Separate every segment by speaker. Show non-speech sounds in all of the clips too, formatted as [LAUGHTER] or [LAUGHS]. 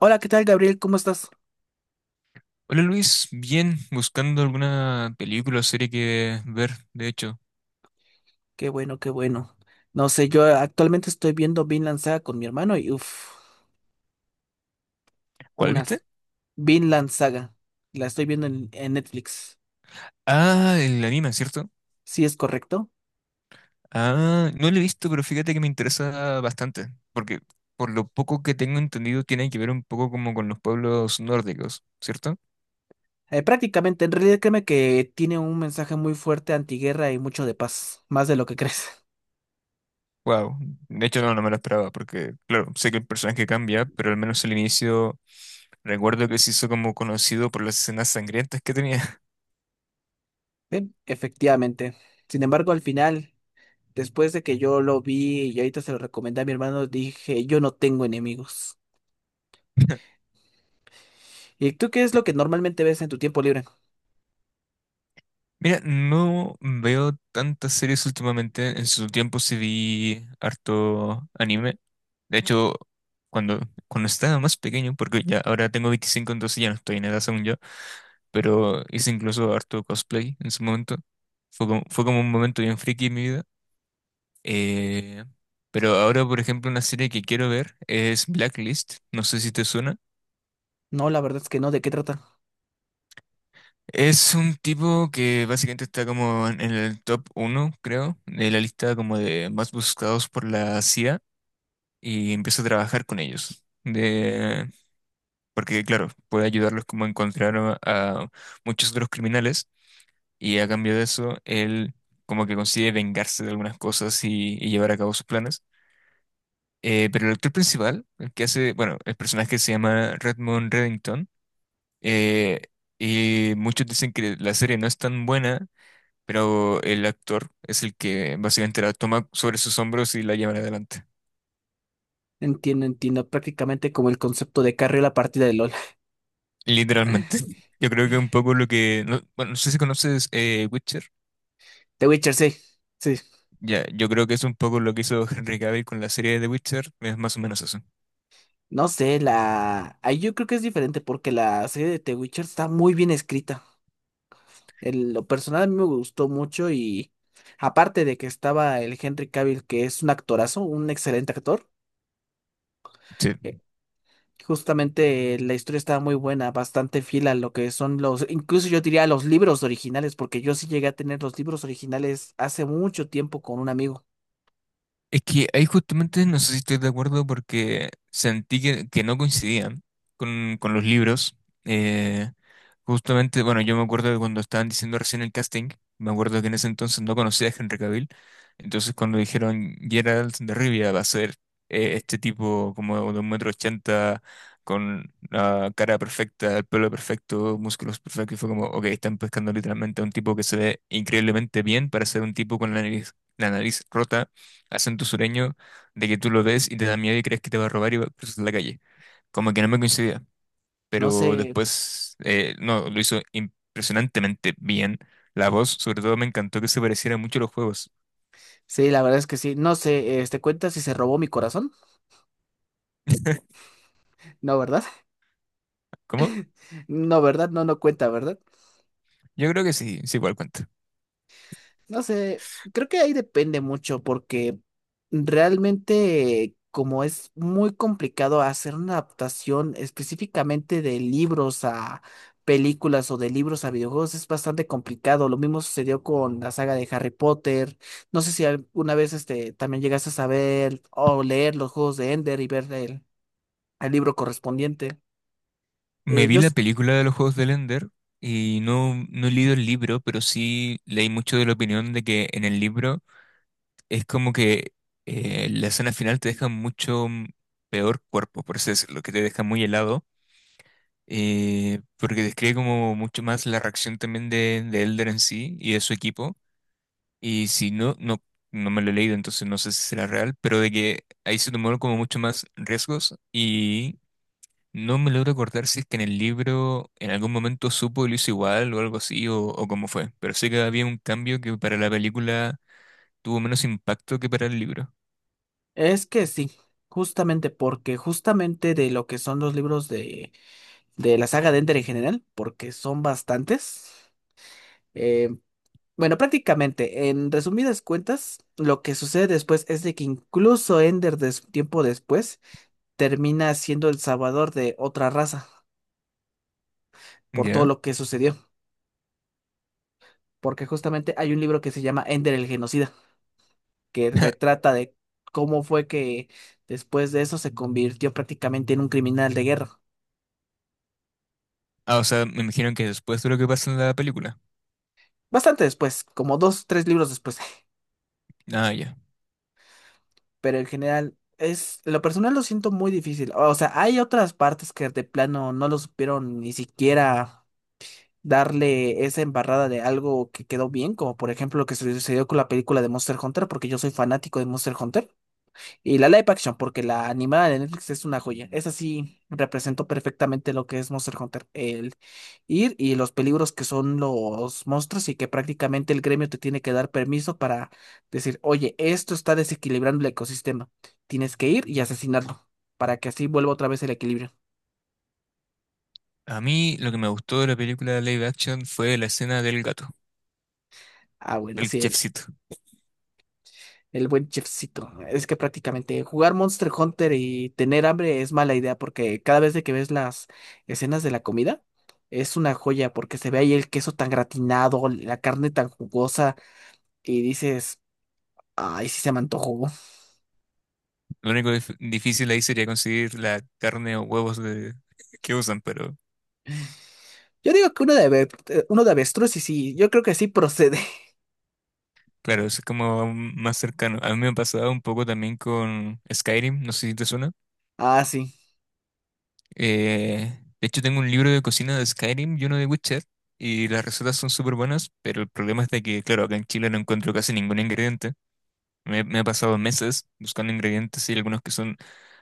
Speaker 1: Hola, ¿qué tal, Gabriel? ¿Cómo estás?
Speaker 2: Hola Luis, bien, buscando alguna película o serie que ver, de hecho.
Speaker 1: Qué bueno, qué bueno. No sé, yo actualmente estoy viendo Vinland Saga con mi hermano y uff,
Speaker 2: ¿Cuál viste?
Speaker 1: unas Vinland Saga. La estoy viendo en Netflix.
Speaker 2: Ah, el anime, ¿cierto?
Speaker 1: Sí, es correcto.
Speaker 2: Ah, no lo he visto, pero fíjate que me interesa bastante, porque por lo poco que tengo entendido tiene que ver un poco como con los pueblos nórdicos, ¿cierto?
Speaker 1: Prácticamente, en realidad créeme que tiene un mensaje muy fuerte antiguerra y mucho de paz, más de lo que [LAUGHS] crees.
Speaker 2: Wow, de hecho no, no me lo esperaba, porque claro, sé que el personaje cambia, pero al menos al inicio recuerdo que se hizo como conocido por las escenas sangrientas que tenía.
Speaker 1: Bien, efectivamente. Sin embargo, al final, después de que yo lo vi y ahorita se lo recomendé a mi hermano, dije, yo no tengo enemigos.
Speaker 2: [LAUGHS]
Speaker 1: ¿Y tú qué es lo que normalmente ves en tu tiempo libre?
Speaker 2: Mira, no veo tantas series últimamente. En su tiempo sí vi harto anime. De hecho, cuando, cuando estaba más pequeño, porque ya ahora tengo 25 entonces ya no estoy en edad según yo, pero hice incluso harto cosplay en su momento. Fue como un momento bien friki en mi vida. Eh, pero ahora, por ejemplo, una serie que quiero ver es Blacklist. No sé si te suena.
Speaker 1: No, la verdad es que no, ¿de qué trata?
Speaker 2: Es un tipo que básicamente está como en el top uno creo, de la lista como de más buscados por la CIA y empezó a trabajar con ellos. Porque, claro, puede ayudarlos como a encontrar a muchos otros criminales y a cambio de eso, él como que consigue vengarse de algunas cosas y llevar a cabo sus planes. Pero el actor principal, el que hace, bueno, el personaje se llama Redmond Reddington. eh, y muchos dicen que la serie no es tan buena, pero el actor es el que básicamente la toma sobre sus hombros y la lleva adelante.
Speaker 1: Entiendo, entiendo. Prácticamente como el concepto de carrera la partida de LOL.
Speaker 2: Literalmente. [LAUGHS] Yo creo que un
Speaker 1: [LAUGHS]
Speaker 2: poco no, bueno, no sé si conoces Witcher.
Speaker 1: The Witcher, sí. Sí.
Speaker 2: Ya, yo creo que es un poco lo que hizo [LAUGHS] Henry Cavill con la serie de The Witcher. Es más o menos eso.
Speaker 1: No sé, la. Ahí yo creo que es diferente porque la serie de The Witcher está muy bien escrita. En lo personal a mí me gustó mucho y aparte de que estaba el Henry Cavill, que es un actorazo, un excelente actor,
Speaker 2: Sí.
Speaker 1: eh, justamente la historia estaba muy buena, bastante fiel a lo que son los, incluso yo diría los libros originales, porque yo sí llegué a tener los libros originales hace mucho tiempo con un amigo.
Speaker 2: Es que ahí justamente no sé si estoy de acuerdo porque sentí que no coincidían con los libros. Eh, Justamente, bueno, yo me acuerdo de cuando estaban diciendo recién el casting, me acuerdo que en ese entonces no conocía a Henry Cavill. Entonces cuando dijeron Geralt de Rivia va a ser este tipo como de 1,80 m, con la cara perfecta, el pelo perfecto, músculos perfectos, y fue como, ok, están pescando literalmente a un tipo que se ve increíblemente bien para ser un tipo con la nariz rota, acento sureño, de que tú lo ves y te da miedo y crees que te va a robar y va a cruzar la calle. Como que no me coincidía,
Speaker 1: No
Speaker 2: pero
Speaker 1: sé.
Speaker 2: después, no, lo hizo impresionantemente bien. La voz, sobre todo, me encantó que se pareciera mucho a los juegos.
Speaker 1: Sí, la verdad es que sí. No sé, este, ¿cuenta si se robó mi corazón?
Speaker 2: [LAUGHS]
Speaker 1: No, ¿verdad? [LAUGHS]
Speaker 2: ¿Cómo?
Speaker 1: No, ¿verdad? No, no cuenta, ¿verdad?
Speaker 2: Yo creo que sí, sí, igual cuenta.
Speaker 1: No sé, creo que ahí depende mucho porque realmente como es muy complicado hacer una adaptación específicamente de libros a películas o de libros a videojuegos es bastante complicado. Lo mismo sucedió con la saga de Harry Potter. No sé si alguna vez este, también llegaste a saber o leer los juegos de Ender y ver el libro correspondiente.
Speaker 2: Me
Speaker 1: Eh,
Speaker 2: vi
Speaker 1: yo,
Speaker 2: la película de los juegos de Ender y no, no he leído el libro, pero sí leí mucho de la opinión de que en el libro es como que la escena final te deja mucho peor cuerpo, por así decirlo, que te deja muy helado, porque describe como mucho más la reacción también de Elder en sí y de su equipo. Y si no, no me lo he leído, entonces no sé si será real, pero de que ahí se tomaron como mucho más riesgos y no me logro acordar si es que en el libro en algún momento supo y lo hizo igual o algo así o cómo fue. Pero sé que había un cambio que para la película tuvo menos impacto que para el libro.
Speaker 1: Es que sí, justamente porque justamente de lo que son los libros de la saga de Ender en general, porque son bastantes, eh, bueno, prácticamente, en resumidas cuentas, lo que sucede después es de que incluso Ender des- tiempo después termina siendo el salvador de otra raza por todo
Speaker 2: ¿Ya?
Speaker 1: lo que sucedió, porque justamente hay un libro que se llama Ender el Genocida, que
Speaker 2: [LAUGHS]
Speaker 1: retrata de cómo fue que después de eso se convirtió prácticamente en un criminal de guerra.
Speaker 2: Ah, o sea, me imagino que después de lo que pasa en la película.
Speaker 1: Bastante después, como 2, 3 libros después,
Speaker 2: Ah, ya.
Speaker 1: [LAUGHS] pero en general es, en lo personal lo siento muy difícil. O sea, hay otras partes que de plano no lo supieron ni siquiera darle esa embarrada de algo que quedó bien, como por ejemplo lo que sucedió con la película de Monster Hunter, porque yo soy fanático de Monster Hunter. Y la live action, porque la animada de Netflix es una joya. Esa sí representó perfectamente lo que es Monster Hunter. El ir y los peligros que son los monstruos y que prácticamente el gremio te tiene que dar permiso para decir, oye, esto está desequilibrando el ecosistema. Tienes que ir y asesinarlo para que así vuelva otra vez el equilibrio.
Speaker 2: A mí lo que me gustó de la película live action fue la escena del gato,
Speaker 1: Ah, bueno,
Speaker 2: del
Speaker 1: sí.
Speaker 2: chefcito.
Speaker 1: El buen chefcito. Es que prácticamente jugar Monster Hunter y tener hambre es mala idea porque cada vez de que ves las escenas de la comida es una joya porque se ve ahí el queso tan gratinado, la carne tan jugosa y dices, ay, sí se me antojó.
Speaker 2: Lo único difícil ahí sería conseguir la carne o huevos que usan, pero
Speaker 1: Yo digo que uno de, ave- uno de avestruz y sí, yo creo que sí procede. [LAUGHS]
Speaker 2: claro, eso es como aún más cercano. A mí me ha pasado un poco también con Skyrim, no sé si te suena.
Speaker 1: Ah, sí.
Speaker 2: De hecho, tengo un libro de cocina de Skyrim y uno de Witcher, y las recetas son súper buenas, pero el problema es de que, claro, acá en Chile no encuentro casi ningún ingrediente. Me he pasado meses buscando ingredientes y algunos que son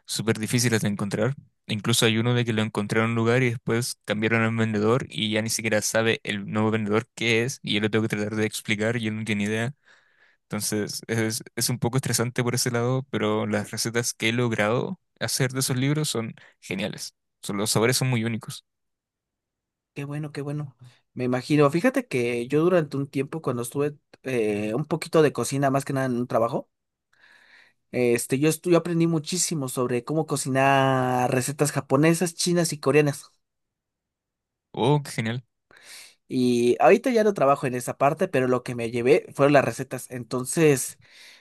Speaker 2: súper difíciles de encontrar. Incluso hay uno de que lo encontré en un lugar y después cambiaron al vendedor y ya ni siquiera sabe el nuevo vendedor qué es y yo lo tengo que tratar de explicar y él no tiene idea. Entonces es un poco estresante por ese lado, pero las recetas que he logrado hacer de esos libros son geniales. Los sabores son muy únicos.
Speaker 1: Qué bueno, qué bueno. Me imagino. Fíjate que yo durante un tiempo cuando estuve un poquito de cocina, más que nada en un trabajo, este, yo aprendí muchísimo sobre cómo cocinar recetas japonesas, chinas y coreanas.
Speaker 2: Oh, qué genial.
Speaker 1: Y ahorita ya no trabajo en esa parte, pero lo que me llevé fueron las recetas. Entonces,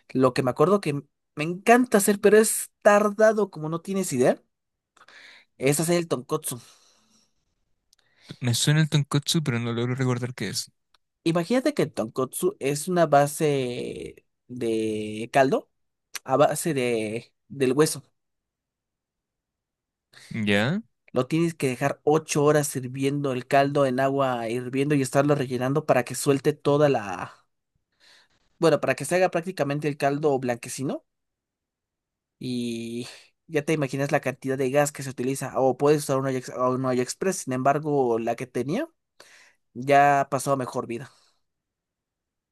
Speaker 1: lo que me acuerdo que me encanta hacer, pero es tardado como no tienes idea, es hacer el tonkotsu.
Speaker 2: Me suena el tonkotsu, pero no logro recordar qué es.
Speaker 1: Imagínate que el tonkotsu es una base de caldo a base del hueso.
Speaker 2: ¿Ya?
Speaker 1: Lo tienes que dejar 8 horas hirviendo el caldo en agua hirviendo y estarlo rellenando para que suelte toda la... Bueno, para que se haga prácticamente el caldo blanquecino y ya te imaginas la cantidad de gas que se utiliza. O puedes usar un olla, ex- o un olla express, sin embargo, la que tenía ya pasó a mejor vida.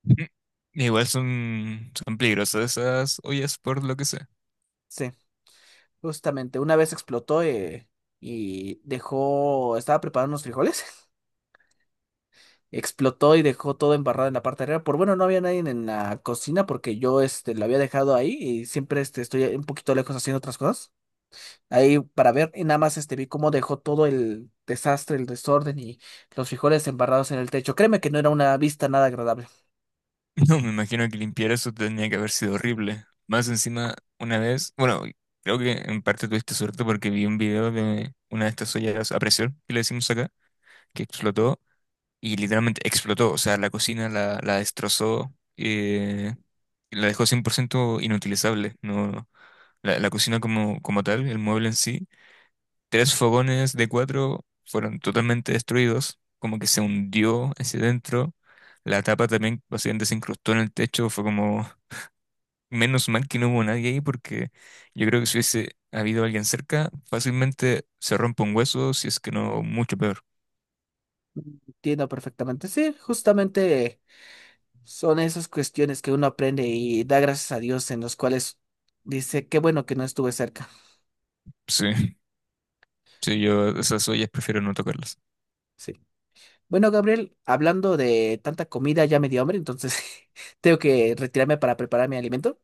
Speaker 2: [LAUGHS] Igual son peligrosas esas ollas por lo que sé.
Speaker 1: Sí, justamente. Una vez explotó y dejó... Estaba preparando unos frijoles, explotó y dejó todo embarrado en la parte de arriba. Por bueno, no había nadie en la cocina porque yo este, lo había dejado ahí y siempre este, estoy un poquito lejos haciendo otras cosas. Ahí para ver y nada más este, vi cómo dejó todo el desastre, el desorden y los frijoles embarrados en el techo. Créeme que no era una vista nada agradable.
Speaker 2: [LAUGHS] No, me imagino que limpiar eso tenía que haber sido horrible. Más encima, una vez, bueno, creo que en parte tuviste suerte porque vi un video de una de estas ollas a presión, que le decimos acá, que explotó y literalmente explotó. O sea, la cocina la destrozó, la dejó 100% inutilizable. No, la cocina como tal, el mueble en sí. Tres fogones de cuatro fueron totalmente destruidos, como que se hundió hacia adentro. La tapa también básicamente se incrustó en el techo. Fue como, menos mal que no hubo nadie ahí, porque yo creo que si hubiese habido alguien cerca, fácilmente se rompe un hueso, si es que no, mucho peor.
Speaker 1: Entiendo perfectamente. Sí, justamente son esas cuestiones que uno aprende y da gracias a Dios en los cuales dice, qué bueno que no estuve cerca.
Speaker 2: Sí, [LAUGHS] sí, yo esas ollas prefiero no tocarlas.
Speaker 1: Sí. Bueno, Gabriel, hablando de tanta comida, ya me dio hambre, entonces [LAUGHS] tengo que retirarme para preparar mi alimento.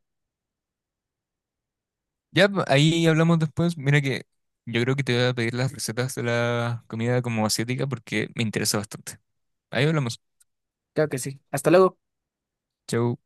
Speaker 2: Ya, ahí hablamos después. Mira que yo creo que te voy a pedir las recetas de la comida como asiática porque me interesa bastante. Ahí hablamos.
Speaker 1: Claro que sí. Hasta luego.
Speaker 2: Chau.